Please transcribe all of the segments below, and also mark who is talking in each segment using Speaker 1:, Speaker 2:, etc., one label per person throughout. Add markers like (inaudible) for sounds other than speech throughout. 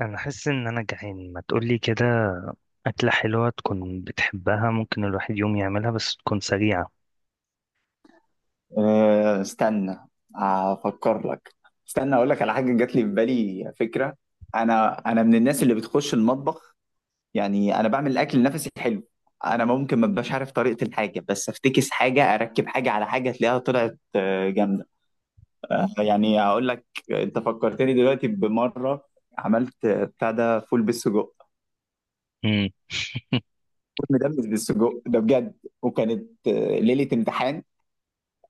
Speaker 1: انا حاسس ان انا جعان، ما تقولي كده. اكله حلوه تكون بتحبها، ممكن الواحد يوم يعملها، بس تكون سريعه.
Speaker 2: أه، استنى، افكر لك. استنى اقول لك على حاجه جات لي في بالي فكره. انا من الناس اللي بتخش المطبخ. يعني انا بعمل الاكل نفسي حلو. انا ممكن ما ابقاش عارف طريقه الحاجه، بس افتكس حاجه اركب حاجه على حاجه تلاقيها طلعت جامده. يعني اقول لك، انت فكرتني دلوقتي بمره. عملت بتاع ده، فول بالسجق.
Speaker 1: امم (laughs)
Speaker 2: فول مدمس بالسجق ده بجد. وكانت ليله امتحان.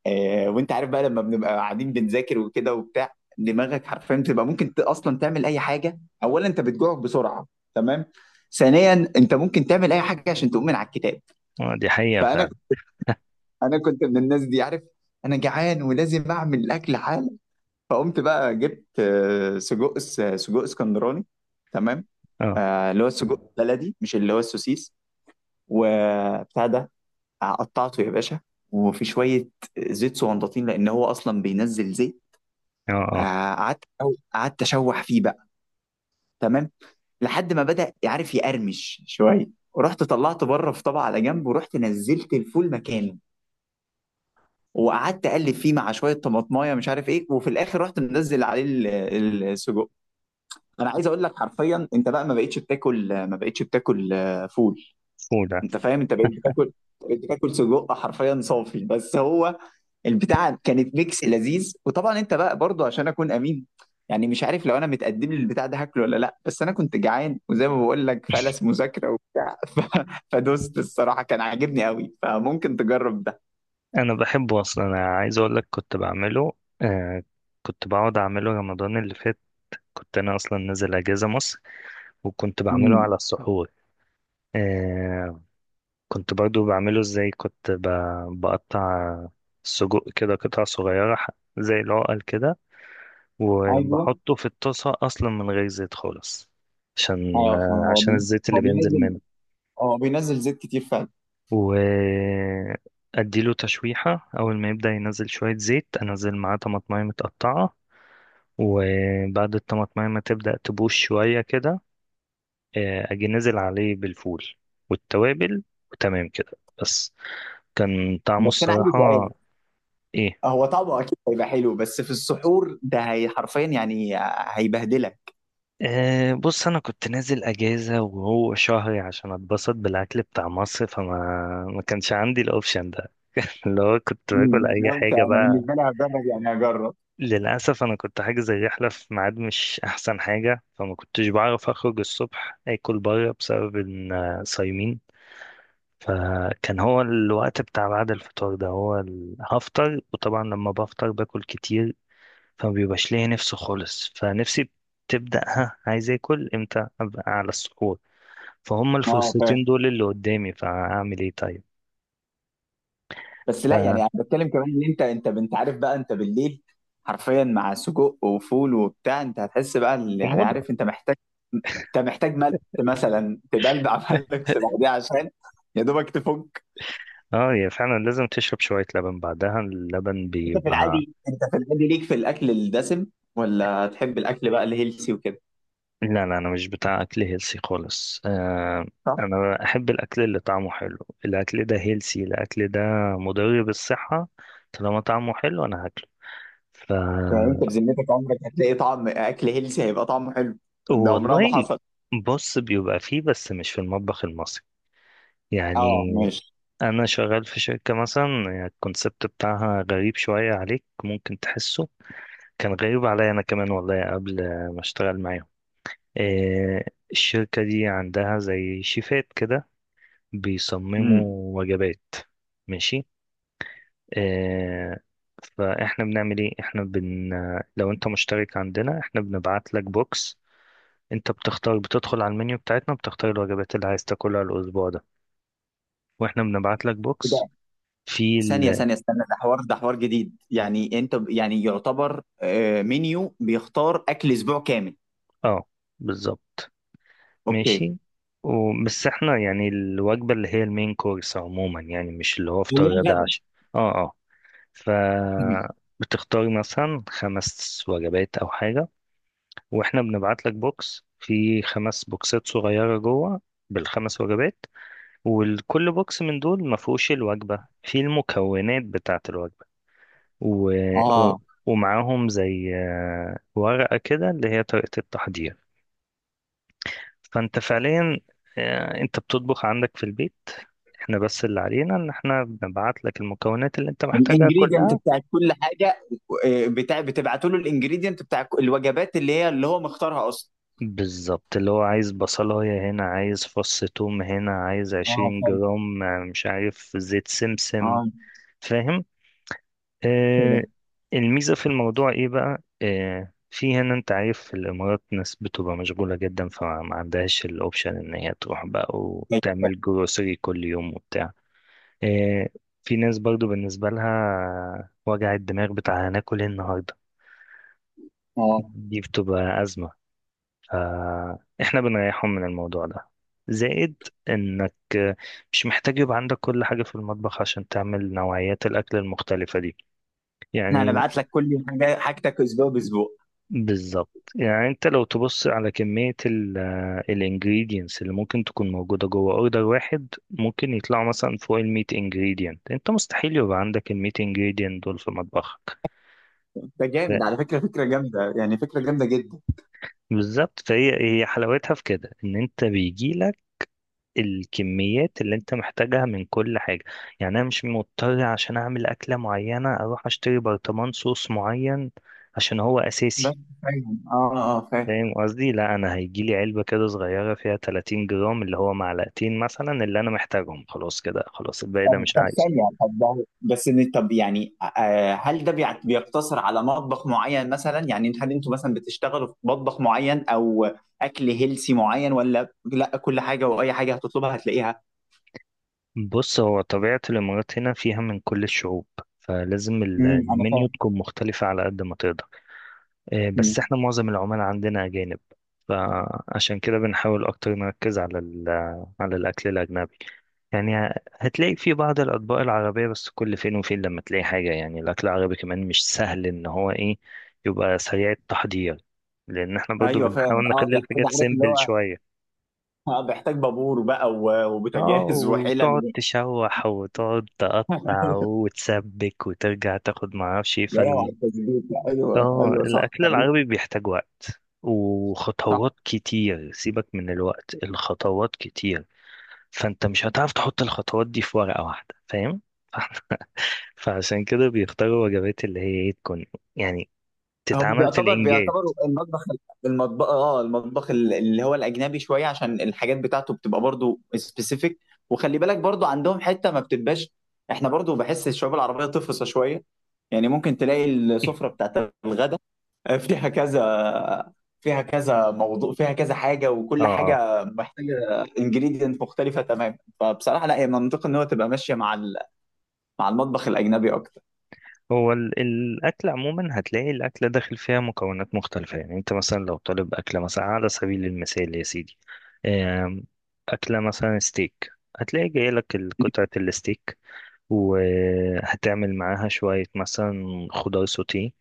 Speaker 2: وانت عارف بقى، لما بنبقى قاعدين بنذاكر وكده وبتاع، دماغك حرفيا بتبقى ممكن اصلا تعمل اي حاجه. اولا انت بتجوع بسرعه، تمام. ثانيا انت ممكن تعمل اي حاجه عشان تقوم من على الكتاب.
Speaker 1: دي حقيقه
Speaker 2: فانا،
Speaker 1: فعلا.
Speaker 2: كنت من الناس دي، عارف. انا جعان ولازم اعمل الاكل حالا. فقمت بقى جبت سجق، سجق اسكندراني، تمام.
Speaker 1: اه
Speaker 2: اللي هو السجق البلدي، مش اللي هو السوسيس، وبتاع ده. قطعته يا باشا، وفي شويه زيت صغنطاطين، لان هو اصلا بينزل زيت.
Speaker 1: اه
Speaker 2: آه، قعدت قعدت اشوح فيه بقى، تمام. لحد ما بدأ عارف يقرمش شويه. ورحت طلعته بره في طبق على جنب، ورحت نزلت الفول مكانه. وقعدت اقلب فيه مع شويه طماطمايه، مش عارف ايه، وفي الاخر رحت منزل عليه السجق. انا عايز اقول لك حرفيا، انت بقى ما بقتش بتاكل، ما بقتش بتاكل فول.
Speaker 1: فول.
Speaker 2: انت فاهم، انت بقيت بتاكل سجق حرفيا صافي، بس هو البتاعه كانت ميكس لذيذ. وطبعا انت بقى برضو، عشان اكون امين، يعني مش عارف لو انا متقدم لي البتاع ده هاكله ولا لا، بس انا كنت جعان، وزي ما بقول لك، فلس مذاكره وبتاع (laughs) فدوست الصراحه، كان عاجبني قوي، فممكن تجرب ده.
Speaker 1: انا بحبه اصلا، انا عايز اقول لك كنت بعمله. آه، كنت بقعد اعمله رمضان اللي فات. كنت انا اصلا نازل اجازه مصر، وكنت بعمله على
Speaker 2: امم.
Speaker 1: السحور. آه، كنت برضو بعمله ازاي؟ كنت بقطع السجق كده قطع صغيره، زي العقل كده،
Speaker 2: ايوه.
Speaker 1: وبحطه في الطاسة أصلا من غير زيت خالص. عشان
Speaker 2: اه،
Speaker 1: عشان الزيت اللي
Speaker 2: هو
Speaker 1: بينزل
Speaker 2: بينزل
Speaker 1: منه،
Speaker 2: هو بينزل زيت كتير فعلا.
Speaker 1: وأديله تشويحة. أول ما يبدأ ينزل شوية زيت، أنزل معاه طماطماية متقطعة، وبعد الطماطماية ما تبدأ تبوش شوية كده، أجي نزل عليه بالفول والتوابل، وتمام كده. بس كان طعمه
Speaker 2: بس انا عندي
Speaker 1: الصراحة.
Speaker 2: سؤال.
Speaker 1: إيه؟
Speaker 2: هو طعمه اكيد هيبقى حلو، بس في السحور ده، هي حرفيا يعني هيبهدلك.
Speaker 1: أه، بص، انا كنت نازل اجازه وهو شهري، عشان اتبسط بالاكل بتاع مصر، فما ما كانش عندي الاوبشن ده، اللي هو كنت باكل
Speaker 2: امم.
Speaker 1: اي
Speaker 2: لو انت
Speaker 1: حاجه
Speaker 2: انا
Speaker 1: بقى.
Speaker 2: بالنسبه لي هجرب، يعني هجرب.
Speaker 1: للاسف انا كنت حاجز الرحله في ميعاد مش احسن حاجه، فما كنتش بعرف اخرج الصبح اكل بره، بسبب ان صايمين. فكان هو الوقت بتاع بعد الفطار ده، هو هفطر، وطبعا لما بفطر باكل كتير، فما بيبقاش ليا نفسي خالص. فنفسي تبدأ، ها عايز اكل امتى؟ ابقى على السحور. فهم
Speaker 2: اه،
Speaker 1: الفسيتين
Speaker 2: فاهم.
Speaker 1: دول اللي قدامي، فهعمل ايه طيب؟
Speaker 2: بس لا، يعني انا بتكلم كمان، ان انت عارف بقى، انت بالليل حرفيا مع سجق وفول وبتاع، انت هتحس بقى يعني
Speaker 1: فحموضة.
Speaker 2: عارف، انت محتاج ملح مثلا تبلبع (laughs) ملح،
Speaker 1: (laughs)
Speaker 2: بعديها عشان، يا دوبك تفك.
Speaker 1: اه، هي فعلا لازم تشرب شوية لبن بعدها، اللبن بيبقى.
Speaker 2: انت في العادي ليك في الاكل الدسم، ولا تحب الاكل بقى الهيلسي وكده؟
Speaker 1: لا لا، انا مش بتاع اكل هيلسي خالص، آه.
Speaker 2: صح.
Speaker 1: انا احب الاكل اللي طعمه حلو. الاكل ده هيلسي، الاكل ده مضر بالصحة، طالما طعمه حلو انا هاكله. ف،
Speaker 2: يعني انت بذمتك، عمرك هتلاقي طعم اكل هيلسي هيبقى طعمه حلو؟ ده عمرها
Speaker 1: والله.
Speaker 2: ما حصل.
Speaker 1: بص، بيبقى فيه، بس مش في المطبخ المصري،
Speaker 2: اه،
Speaker 1: يعني.
Speaker 2: ماشي.
Speaker 1: انا شغال في شركة مثلا، يعني الكونسبت بتاعها غريب شوية عليك، ممكن تحسه. كان غريب عليا انا كمان والله، قبل ما اشتغل معاهم. إيه، الشركة دي عندها زي شيفات كده،
Speaker 2: امم.
Speaker 1: بيصمموا وجبات. ماشي. إيه، فاحنا بنعمل ايه؟ احنا بن، لو انت مشترك عندنا، احنا بنبعت لك بوكس. انت بتختار، بتدخل على المنيو بتاعتنا، بتختار الوجبات اللي عايز تاكلها الاسبوع ده، واحنا بنبعت لك بوكس في
Speaker 2: ثانية ثانية استنى، ده حوار جديد، يعني انت يعني يعتبر منيو بيختار اكل اسبوع كامل؟
Speaker 1: اه، بالظبط.
Speaker 2: اوكي.
Speaker 1: ماشي. بس احنا يعني الوجبة اللي هي المين كورس عموما، يعني مش اللي هو
Speaker 2: اللي
Speaker 1: فطار
Speaker 2: هي
Speaker 1: غدا
Speaker 2: غدا،
Speaker 1: عشاء. اه اه. ف،
Speaker 2: تمام.
Speaker 1: بتختار مثلا خمس وجبات او حاجة، واحنا بنبعت لك بوكس في خمس بوكسات صغيرة جوه، بالخمس وجبات، وكل بوكس من دول ما فيهوش الوجبة، في المكونات بتاعة الوجبة، و... و...
Speaker 2: اه،
Speaker 1: ومعاهم زي ورقة كده اللي هي طريقة التحضير. فانت فعليا، انت بتطبخ عندك في البيت، احنا بس اللي علينا ان احنا بنبعت لك المكونات اللي انت محتاجها
Speaker 2: الانجريدينت
Speaker 1: كلها.
Speaker 2: بتاعت كل حاجة. بتاع بتبعتوا له الانجريدينت بتاع الوجبات، اللي هو مختارها اصلا.
Speaker 1: بالظبط، اللي هو عايز بصلاية هنا، عايز فص توم هنا، عايز
Speaker 2: اه،
Speaker 1: عشرين
Speaker 2: فاهم.
Speaker 1: جرام مش عارف زيت سمسم.
Speaker 2: اه.
Speaker 1: فاهم. اه.
Speaker 2: فاهم
Speaker 1: الميزة في الموضوع ايه بقى؟ اه، في هنا انت عارف، في الامارات ناس بتبقى مشغولة جدا، فما عندهاش الاوبشن ان هي تروح بقى
Speaker 2: فاهم. فاهم.
Speaker 1: وتعمل جروسري كل يوم وبتاع. إيه، في ناس برضو بالنسبة لها وجع الدماغ بتاع هناكل ايه النهاردة،
Speaker 2: اه،
Speaker 1: دي بتبقى أزمة. فإحنا بنريحهم من الموضوع ده. زائد إنك مش محتاج يبقى عندك كل حاجة في المطبخ عشان تعمل نوعيات الأكل المختلفة دي،
Speaker 2: احنا
Speaker 1: يعني.
Speaker 2: هنبعت لك كل حاجة، حاجتك اسبوع باسبوع.
Speaker 1: بالظبط، يعني أنت لو تبص على كمية ال الانجريدينتس اللي ممكن تكون موجودة جوه أوردر واحد، ممكن يطلعوا مثلا فوق الميت ingredient. أنت مستحيل يبقى عندك الميت ingredient دول في مطبخك.
Speaker 2: ده جامد على فكرة، فكرة جامدة، يعني فكرة جامدة جدا.
Speaker 1: بالظبط. هي حلاوتها في كده، ان انت بيجي لك الكميات اللي انت محتاجها من كل حاجه. يعني انا مش مضطر عشان اعمل اكله معينه اروح اشتري برطمان صوص معين عشان هو
Speaker 2: بس،
Speaker 1: اساسي.
Speaker 2: فاهم، اه، اه، فاهم.
Speaker 1: فاهم قصدي؟ لا، انا هيجي لي علبه كده صغيره فيها 30 جرام، اللي هو معلقتين مثلا اللي انا محتاجهم، خلاص كده، خلاص الباقي ده
Speaker 2: طب،
Speaker 1: مش
Speaker 2: طب،
Speaker 1: عايزه.
Speaker 2: ثانية، طب، ده بس طب، يعني هل ده بيقتصر على مطبخ معين مثلا؟ يعني هل انتوا مثلا بتشتغلوا في مطبخ معين، او اكل هيلسي معين، ولا لا؟ كل حاجة واي حاجة هتطلبها هتلاقيها.
Speaker 1: بص، هو طبيعه الامارات هنا فيها من كل الشعوب، فلازم
Speaker 2: امم، انا
Speaker 1: المنيو
Speaker 2: فاهم.
Speaker 1: تكون مختلفه على قد ما تقدر. بس
Speaker 2: امم.
Speaker 1: احنا معظم العمال عندنا أجانب، فعشان كده بنحاول أكتر نركز على على الأكل الأجنبي، يعني. هتلاقي في بعض الأطباق العربية، بس كل فين وفين لما تلاقي حاجة، يعني الأكل العربي كمان مش سهل إن هو إيه، يبقى سريع التحضير، لأن احنا برضو
Speaker 2: ايوه، فاهم.
Speaker 1: بنحاول
Speaker 2: اه،
Speaker 1: نخلي
Speaker 2: بيحتاج،
Speaker 1: الحاجات
Speaker 2: عارف اللي
Speaker 1: سيمبل
Speaker 2: هو،
Speaker 1: شوية.
Speaker 2: بيحتاج بابور بقى،
Speaker 1: اه،
Speaker 2: وبوتاجاز
Speaker 1: وتقعد
Speaker 2: وحلل.
Speaker 1: تشوح، وتقعد تقطع، وتسبك، وترجع تاخد معرفش ايه.
Speaker 2: يا روعة التظبيط، ايوه،
Speaker 1: اه،
Speaker 2: ايوه، صح.
Speaker 1: الاكل العربي بيحتاج وقت وخطوات كتير. سيبك من الوقت، الخطوات كتير، فانت مش هتعرف تحط الخطوات دي في ورقة واحدة، فاهم؟ (laughs) فاحنا- فعشان كده بيختاروا وجبات اللي هي ايه، تكون يعني
Speaker 2: هم
Speaker 1: تتعمل في
Speaker 2: بيعتبر
Speaker 1: الانجاز.
Speaker 2: بيعتبروا المطبخ، اللي هو الاجنبي شويه، عشان الحاجات بتاعته بتبقى برضو سبيسيفيك. وخلي بالك برضو، عندهم حته ما بتبقاش. احنا برضو بحس الشعوب العربيه تفصى شويه. يعني ممكن تلاقي السفره
Speaker 1: (laughs)
Speaker 2: بتاعت الغدا، فيها كذا، فيها كذا موضوع، فيها كذا حاجه،
Speaker 1: اه
Speaker 2: وكل
Speaker 1: اه.
Speaker 2: حاجه محتاجه انجريدينت مختلفه تماما. فبصراحه لا، هي منطقي ان هو تبقى ماشيه مع مع المطبخ الاجنبي اكتر.
Speaker 1: هو الاكل عموما هتلاقي الاكل داخل فيها مكونات مختلفه، يعني انت مثلا لو طالب اكله مثلا، على سبيل المثال يا سيدي، آم، اكله مثلا ستيك، هتلاقي جاي لك قطعه
Speaker 2: (laughs)
Speaker 1: الستيك، وهتعمل معاها شوية مثلا خضار سوتيه،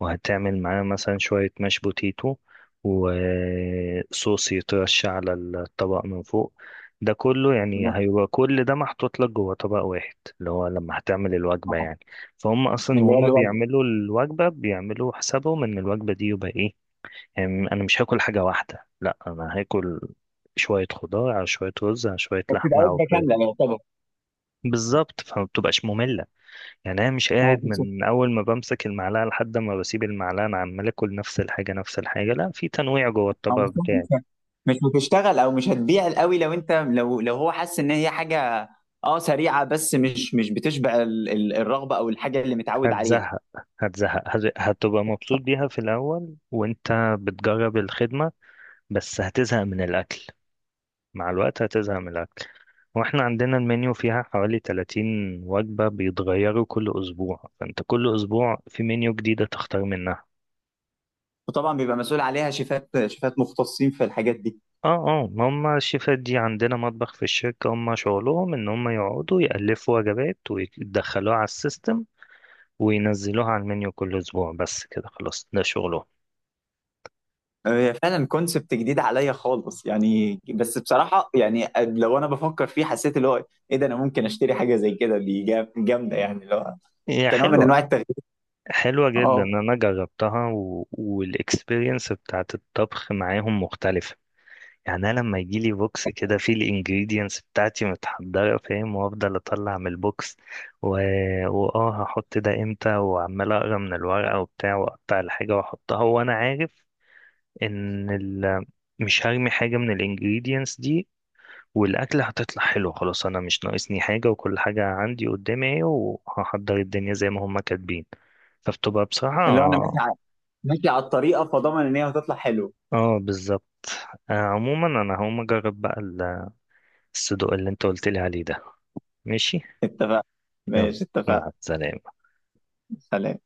Speaker 1: وهتعمل معاها مثلا شوية ماش بوتيتو، وصوص يترش على الطبق من فوق. ده كله يعني
Speaker 2: بالظبط.
Speaker 1: هيبقى كل ده محطوط لك جوه طبق واحد، اللي هو لما هتعمل الوجبة
Speaker 2: آه.
Speaker 1: يعني. فهم أصلا،
Speaker 2: اللي هو
Speaker 1: وهم
Speaker 2: الوجبه،
Speaker 1: بيعملوا الوجبة بيعملوا حسابهم إن الوجبة دي يبقى إيه. يعني أنا مش هاكل حاجة واحدة، لأ، أنا هاكل شوية خضار على شوية رز على شوية
Speaker 2: بتبقى
Speaker 1: لحمة أو
Speaker 2: وجبه
Speaker 1: فراخ.
Speaker 2: كامله، يعتبر.
Speaker 1: بالظبط، فما بتبقاش مملة، يعني انا مش
Speaker 2: اه،
Speaker 1: قاعد
Speaker 2: بالظبط.
Speaker 1: من اول ما بمسك المعلقه لحد ما بسيب المعلقه انا عمال اكل نفس الحاجه نفس الحاجه، لا، في تنويع جوه
Speaker 2: او
Speaker 1: الطبق بتاعي.
Speaker 2: مش هتشتغل، او مش هتبيع قوي، لو انت لو لو هو حاسس ان هي حاجه، اه، سريعه، بس مش بتشبع الرغبه او الحاجه اللي متعود عليها.
Speaker 1: هتزهق. هتزهق، هتبقى مبسوط بيها في الاول وانت بتجرب الخدمه، بس هتزهق من الاكل، مع الوقت هتزهق من الاكل. واحنا عندنا المنيو فيها حوالي 30 وجبه، بيتغيروا كل اسبوع، فانت كل اسبوع في منيو جديده تختار منها.
Speaker 2: وطبعا بيبقى مسؤول عليها شيفات مختصين في الحاجات دي.
Speaker 1: اه اه، ما هم الشيفات دي عندنا مطبخ في الشركة، هم شغلهم ان هم يقعدوا يألفوا وجبات ويدخلوها على السيستم وينزلوها على المنيو كل اسبوع، بس كده خلاص، ده شغلهم.
Speaker 2: هي فعلا كونسبت جديد عليا خالص، يعني، بس بصراحه، يعني لو انا بفكر فيه، حسيت اللي هو، ايه ده، انا ممكن اشتري حاجه زي كده، دي جامده، يعني اللي هو،
Speaker 1: هي
Speaker 2: كنوع من
Speaker 1: حلوة،
Speaker 2: انواع التغيير.
Speaker 1: حلوة جدا،
Speaker 2: اه،
Speaker 1: انا جربتها والاكسبيرينس بتاعت الطبخ معاهم مختلفة. يعني انا لما يجي لي بوكس كده فيه الانجريدينتس بتاعتي متحضرة، فاهم، وافضل اطلع من البوكس و... واه، هحط ده امتى، وعمال اقرا من الورقة وبتاع، واقطع الحاجة واحطها، وانا عارف ان مش هرمي حاجه من الانجريدينتس دي، والاكله هتطلع حلو. خلاص، انا مش ناقصني حاجه، وكل حاجه عندي قدامي اهي، وهحضر الدنيا زي ما هم كاتبين. فبتبقى
Speaker 2: اللي هو
Speaker 1: بصراحه.
Speaker 2: انا ماشي على الطريقه، فضمن ان هي هتطلع حلوه.
Speaker 1: اه، بالظبط. آه، عموما انا هقوم اجرب بقى الصدوق اللي انت قلت لي عليه ده. ماشي.
Speaker 2: اتفق.
Speaker 1: يلا،
Speaker 2: ماشي، اتفق.
Speaker 1: مع السلامه.
Speaker 2: سلام.